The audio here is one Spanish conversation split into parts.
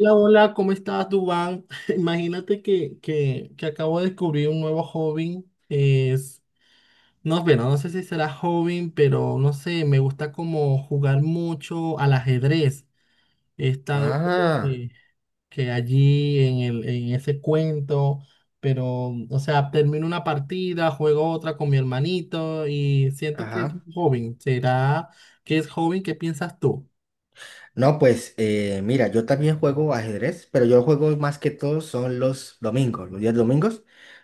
Hola, hola, ¿cómo estás, Dubán? Imagínate que acabo de descubrir un nuevo hobby. Es, no, bueno, no sé si será hobby, pero no sé, me gusta como jugar mucho al ajedrez. He estado como Ah, que, que allí en ese cuento, pero, o sea, termino una partida, juego otra con mi hermanito y siento que es un ajá. hobby. ¿Será que es hobby? ¿Qué piensas tú? No, pues mira, yo también juego ajedrez, pero yo juego más que todo son los domingos, los días domingos,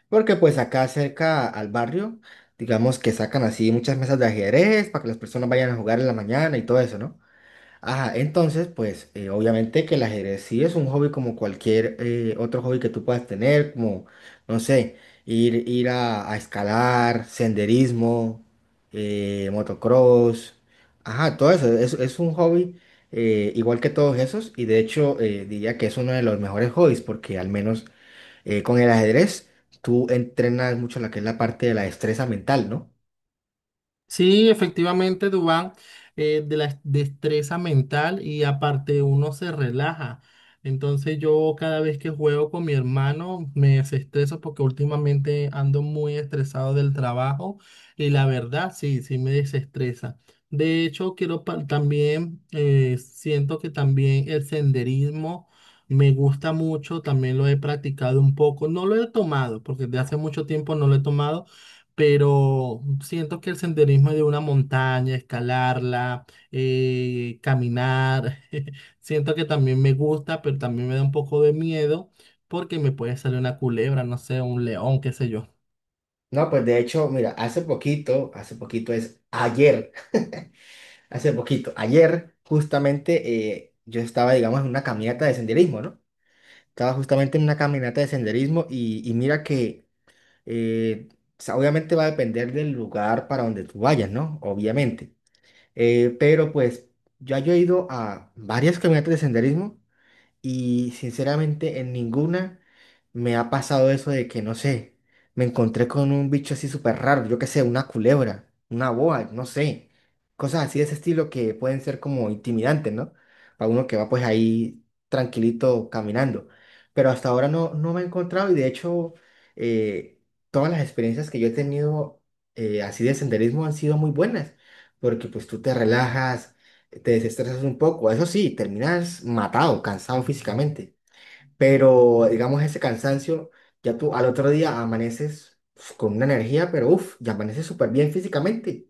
porque pues acá cerca al barrio, digamos que sacan así muchas mesas de ajedrez para que las personas vayan a jugar en la mañana y todo eso, ¿no? Ajá, entonces, pues obviamente que el ajedrez sí es un hobby como cualquier otro hobby que tú puedas tener, como, no sé, ir a escalar, senderismo, motocross, ajá, todo eso, es un hobby igual que todos esos y de hecho diría que es uno de los mejores hobbies porque al menos con el ajedrez tú entrenas mucho la que es la parte de la destreza mental, ¿no? Sí, efectivamente, Dubán, de la destreza mental y aparte uno se relaja. Entonces yo cada vez que juego con mi hermano me desestreso porque últimamente ando muy estresado del trabajo y la verdad sí, sí me desestresa. De hecho, también, siento que también el senderismo me gusta mucho, también lo he practicado un poco, no lo he tomado porque de hace mucho tiempo no lo he tomado, pero siento que el senderismo de una montaña, escalarla, caminar, siento que también me gusta, pero también me da un poco de miedo porque me puede salir una culebra, no sé, un león, qué sé yo. No, pues de hecho, mira, hace poquito es ayer. Hace poquito, ayer justamente yo estaba, digamos, en una caminata de senderismo, ¿no? Estaba justamente en una caminata de senderismo y mira que eh, o sea, obviamente va a depender del lugar para donde tú vayas, ¿no? Obviamente. Pero pues ya yo he ido a varias caminatas de senderismo y sinceramente en ninguna me ha pasado eso de que, no sé, me encontré con un bicho así súper raro, yo qué sé, una culebra, una boa, no sé. Cosas así de ese estilo que pueden ser como intimidantes, ¿no? Para uno que va pues ahí tranquilito caminando. Pero hasta ahora no, no me he encontrado y de hecho eh, todas las experiencias que yo he tenido así de senderismo han sido muy buenas. Porque pues tú te relajas te desestresas un poco. Eso sí, terminas matado, cansado físicamente. Pero digamos ese cansancio, ya tú al otro día amaneces con una energía, pero ya amaneces súper bien físicamente.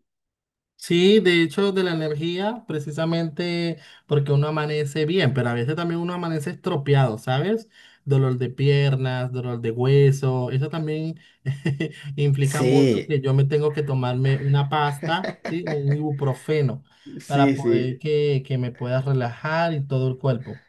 Sí, de hecho, de la energía, precisamente porque uno amanece bien, pero a veces también uno amanece estropeado, ¿sabes? Dolor de piernas, dolor de hueso, eso también implica mucho Sí, que yo me tengo que tomarme una pasta, ¿sí? Un ibuprofeno para sí, sí. poder que me pueda relajar y todo el cuerpo.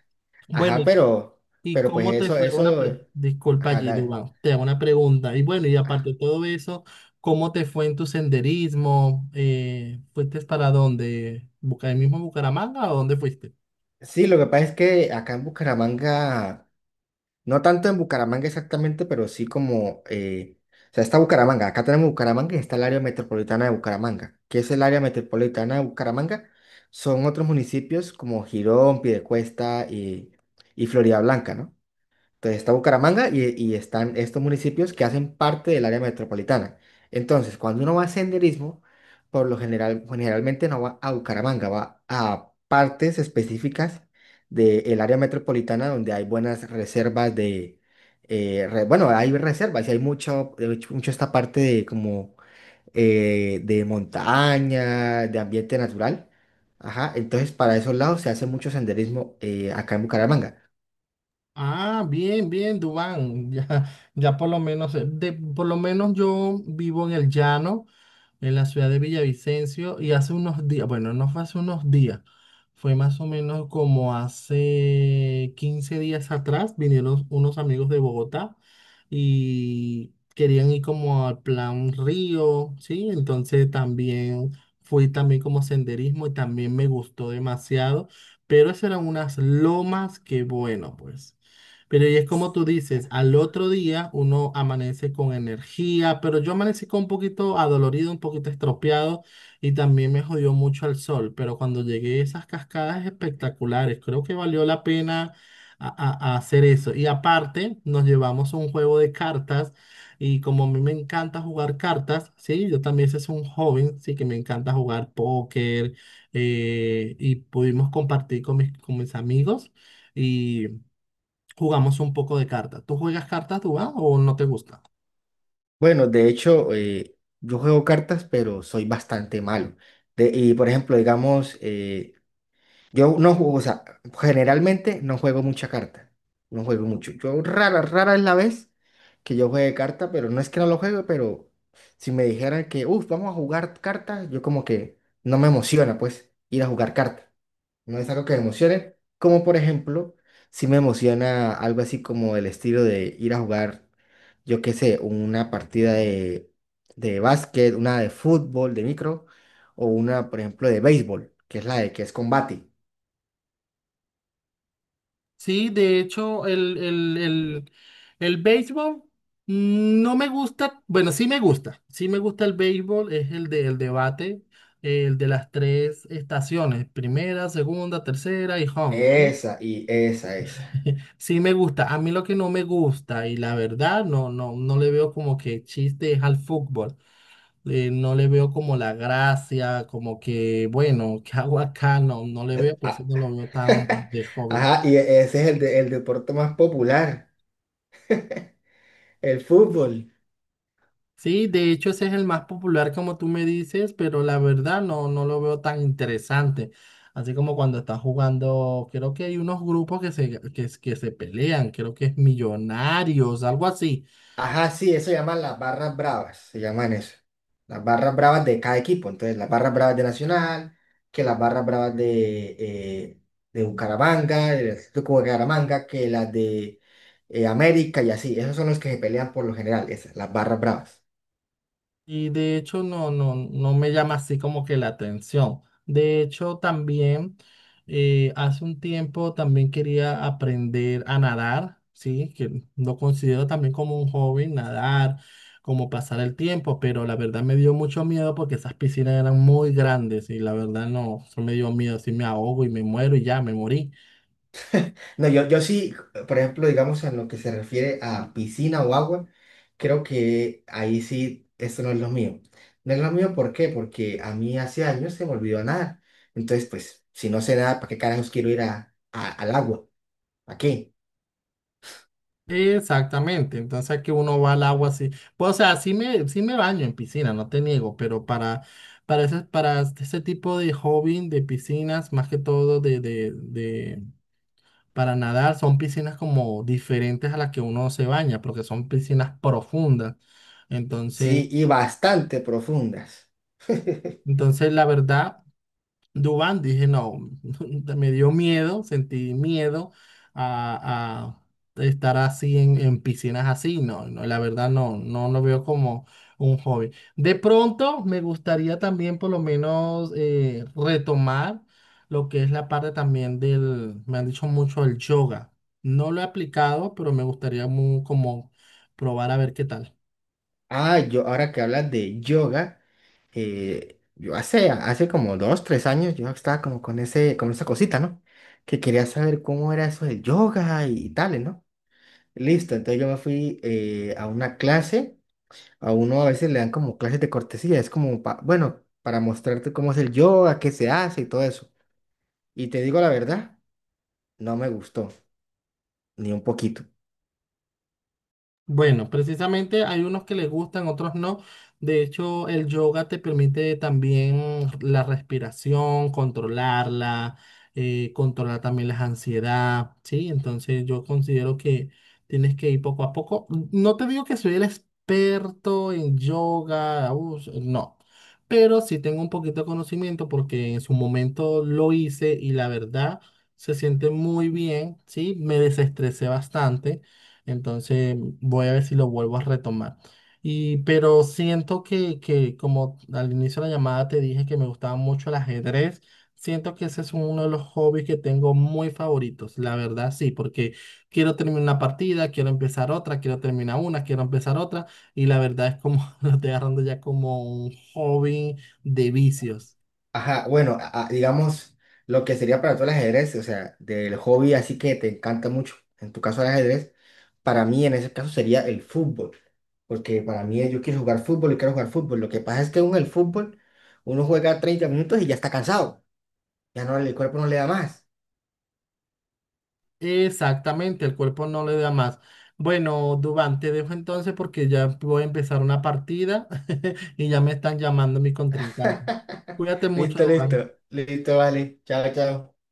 Bueno, Ajá, ¿y pero pues cómo te fue una eso, pre... Disculpa ajá, allí, dale. Dubán, te hago una pregunta. Y bueno, y aparte de todo eso, ¿cómo te fue en tu senderismo? ¿Fuiste para dónde? Ahí mismo en Bucaramanga o dónde fuiste? Sí, lo que pasa es que acá en Bucaramanga. No tanto en Bucaramanga exactamente, pero sí como, o sea, está Bucaramanga, acá tenemos Bucaramanga y está el área metropolitana de Bucaramanga. ¿Qué es el área metropolitana de Bucaramanga? Son otros municipios como Girón, Piedecuesta y Floridablanca, ¿no? Entonces está Bucaramanga y están estos municipios que hacen parte del área metropolitana. Entonces, cuando uno va a senderismo, por lo general, generalmente no va a Bucaramanga, va a partes específicas del área metropolitana donde hay buenas reservas de, bueno, hay reservas y hay mucho, de mucho esta parte de como de montaña, de ambiente natural. Ajá, entonces para esos lados se hace mucho senderismo acá en Bucaramanga. Ah, bien, bien, Dubán. Ya, ya por lo menos, por lo menos yo vivo en el llano, en la ciudad de Villavicencio, y hace unos días, bueno, no fue hace unos días, fue más o menos como hace 15 días atrás, vinieron unos amigos de Bogotá y querían ir como al plan Río, ¿sí? Entonces también fui también como senderismo y también me gustó demasiado, pero esas eran unas lomas que bueno, pues. Pero y es como tú dices, al otro día uno amanece con energía, pero yo amanecí con un poquito adolorido, un poquito estropeado y también me jodió mucho el sol. Pero cuando llegué a esas cascadas espectaculares, creo que valió la pena a hacer eso. Y aparte, nos llevamos un juego de cartas y como a mí me encanta jugar cartas, sí, yo también ese es un joven, sí, que me encanta jugar póker, y pudimos compartir con con mis amigos. Y jugamos un poco de cartas. ¿Tú juegas cartas, Dubán, o no te gusta? Bueno, de hecho, yo juego cartas, pero soy bastante malo. Y por ejemplo, digamos, yo no juego, o sea, generalmente no juego mucha carta. No juego mucho. Yo rara es la vez que yo juegue carta, pero no es que no lo juegue, pero si me dijeran que, uff, vamos a jugar cartas, yo como que no me emociona, pues, ir a jugar cartas. No es algo que me emocione, como por ejemplo, si me emociona algo así como el estilo de ir a jugar, yo qué sé, de básquet, una de fútbol, de micro, o una, por ejemplo, de béisbol, que es la de que es combate. Sí, de hecho, el béisbol no me gusta, bueno, sí me gusta el béisbol, es el del debate, el de las tres estaciones, primera, segunda, tercera y home, ¿sí? Esa. Sí me gusta, a mí lo que no me gusta y la verdad no, no, no le veo como que chiste es al fútbol. Eh, no le veo como la gracia, como que, bueno, ¿qué hago acá? No, no le veo, por eso Ah, no lo veo tan de hobby. Ajá, y e- ese es el, de- el deporte más popular, el fútbol. Sí, de hecho ese es el más popular como tú me dices, pero la verdad no, no lo veo tan interesante. Así como cuando estás jugando, creo que hay unos grupos que se pelean, creo que es Millonarios, algo así. Ajá, sí, eso se llaman las barras bravas, se llaman eso. Las barras bravas de cada equipo. Entonces, las barras bravas de Nacional, que las barras bravas de Bucaramanga, del Atlético de Bucaramanga, que las de América y así. Esos son los que se pelean por lo general, esas, las barras bravas. Y de hecho no, no, no me llama así como que la atención. De hecho también, hace un tiempo también quería aprender a nadar, ¿sí? Que lo considero también como un hobby, nadar, como pasar el tiempo, pero la verdad me dio mucho miedo porque esas piscinas eran muy grandes y la verdad no, eso me dio miedo, si me ahogo y me muero y ya, me morí. No, yo sí, por ejemplo, digamos en lo que se refiere a piscina o agua, creo que ahí sí, esto no es lo mío. No es lo mío, ¿por qué? Porque a mí hace años se me olvidó nadar. Entonces, pues, si no sé nada, ¿para qué carajos quiero ir al agua? ¿Para qué? Exactamente, entonces aquí uno va al agua así, pues, o sea, sí me baño en piscina, no te niego, pero para ese tipo de hobby de piscinas, más que todo para nadar, son piscinas como diferentes a las que uno se baña, porque son piscinas profundas, entonces, Sí, y bastante profundas. entonces la verdad. Dubán, dije, no, me dio miedo, sentí miedo a, a estar así en piscinas así, no, no, la verdad no, no lo veo como un hobby. De pronto me gustaría también por lo menos, retomar lo que es la parte también del, me han dicho mucho el yoga. No lo he aplicado, pero me gustaría como probar a ver qué tal. Ah, yo, ahora que hablas de yoga, hace como dos, tres años yo estaba como con ese, con esa cosita, ¿no? Que quería saber cómo era eso del yoga y, tales, ¿no? Listo, entonces yo me fui a una clase, a uno a veces le dan como clases de cortesía, es como, bueno, para mostrarte cómo es el yoga, qué se hace y todo eso. Y te digo la verdad, no me gustó, ni un poquito. Bueno, precisamente hay unos que les gustan, otros no. De hecho, el yoga te permite también la respiración, controlarla, controlar también la ansiedad, ¿sí? Entonces yo considero que tienes que ir poco a poco. No te digo que soy el experto en yoga, no, pero sí tengo un poquito de conocimiento porque en su momento lo hice y la verdad se siente muy bien, ¿sí? Me desestresé bastante. Entonces voy a ver si lo vuelvo a retomar. Y, pero siento que como al inicio de la llamada te dije que me gustaba mucho el ajedrez, siento que ese es uno de los hobbies que tengo muy favoritos, la verdad sí, porque quiero terminar una partida, quiero empezar otra, quiero terminar una, quiero empezar otra, y la verdad es como lo estoy agarrando ya como un hobby de vicios. Ajá, bueno, digamos, lo que sería para tú el ajedrez, o sea, del hobby así que te encanta mucho, en tu caso el ajedrez, para mí en ese caso sería el fútbol, porque para mí yo quiero jugar fútbol y quiero jugar fútbol. Lo que pasa es que uno en el fútbol, uno juega 30 minutos y ya está cansado. Ya no, el cuerpo no le da más. Exactamente, el cuerpo no le da más. Bueno, Dubán, te dejo entonces porque ya voy a empezar una partida y ya me están llamando mi contrincante. Cuídate mucho, Listo, listo. Dubán. Listo, vale. Chao, chao.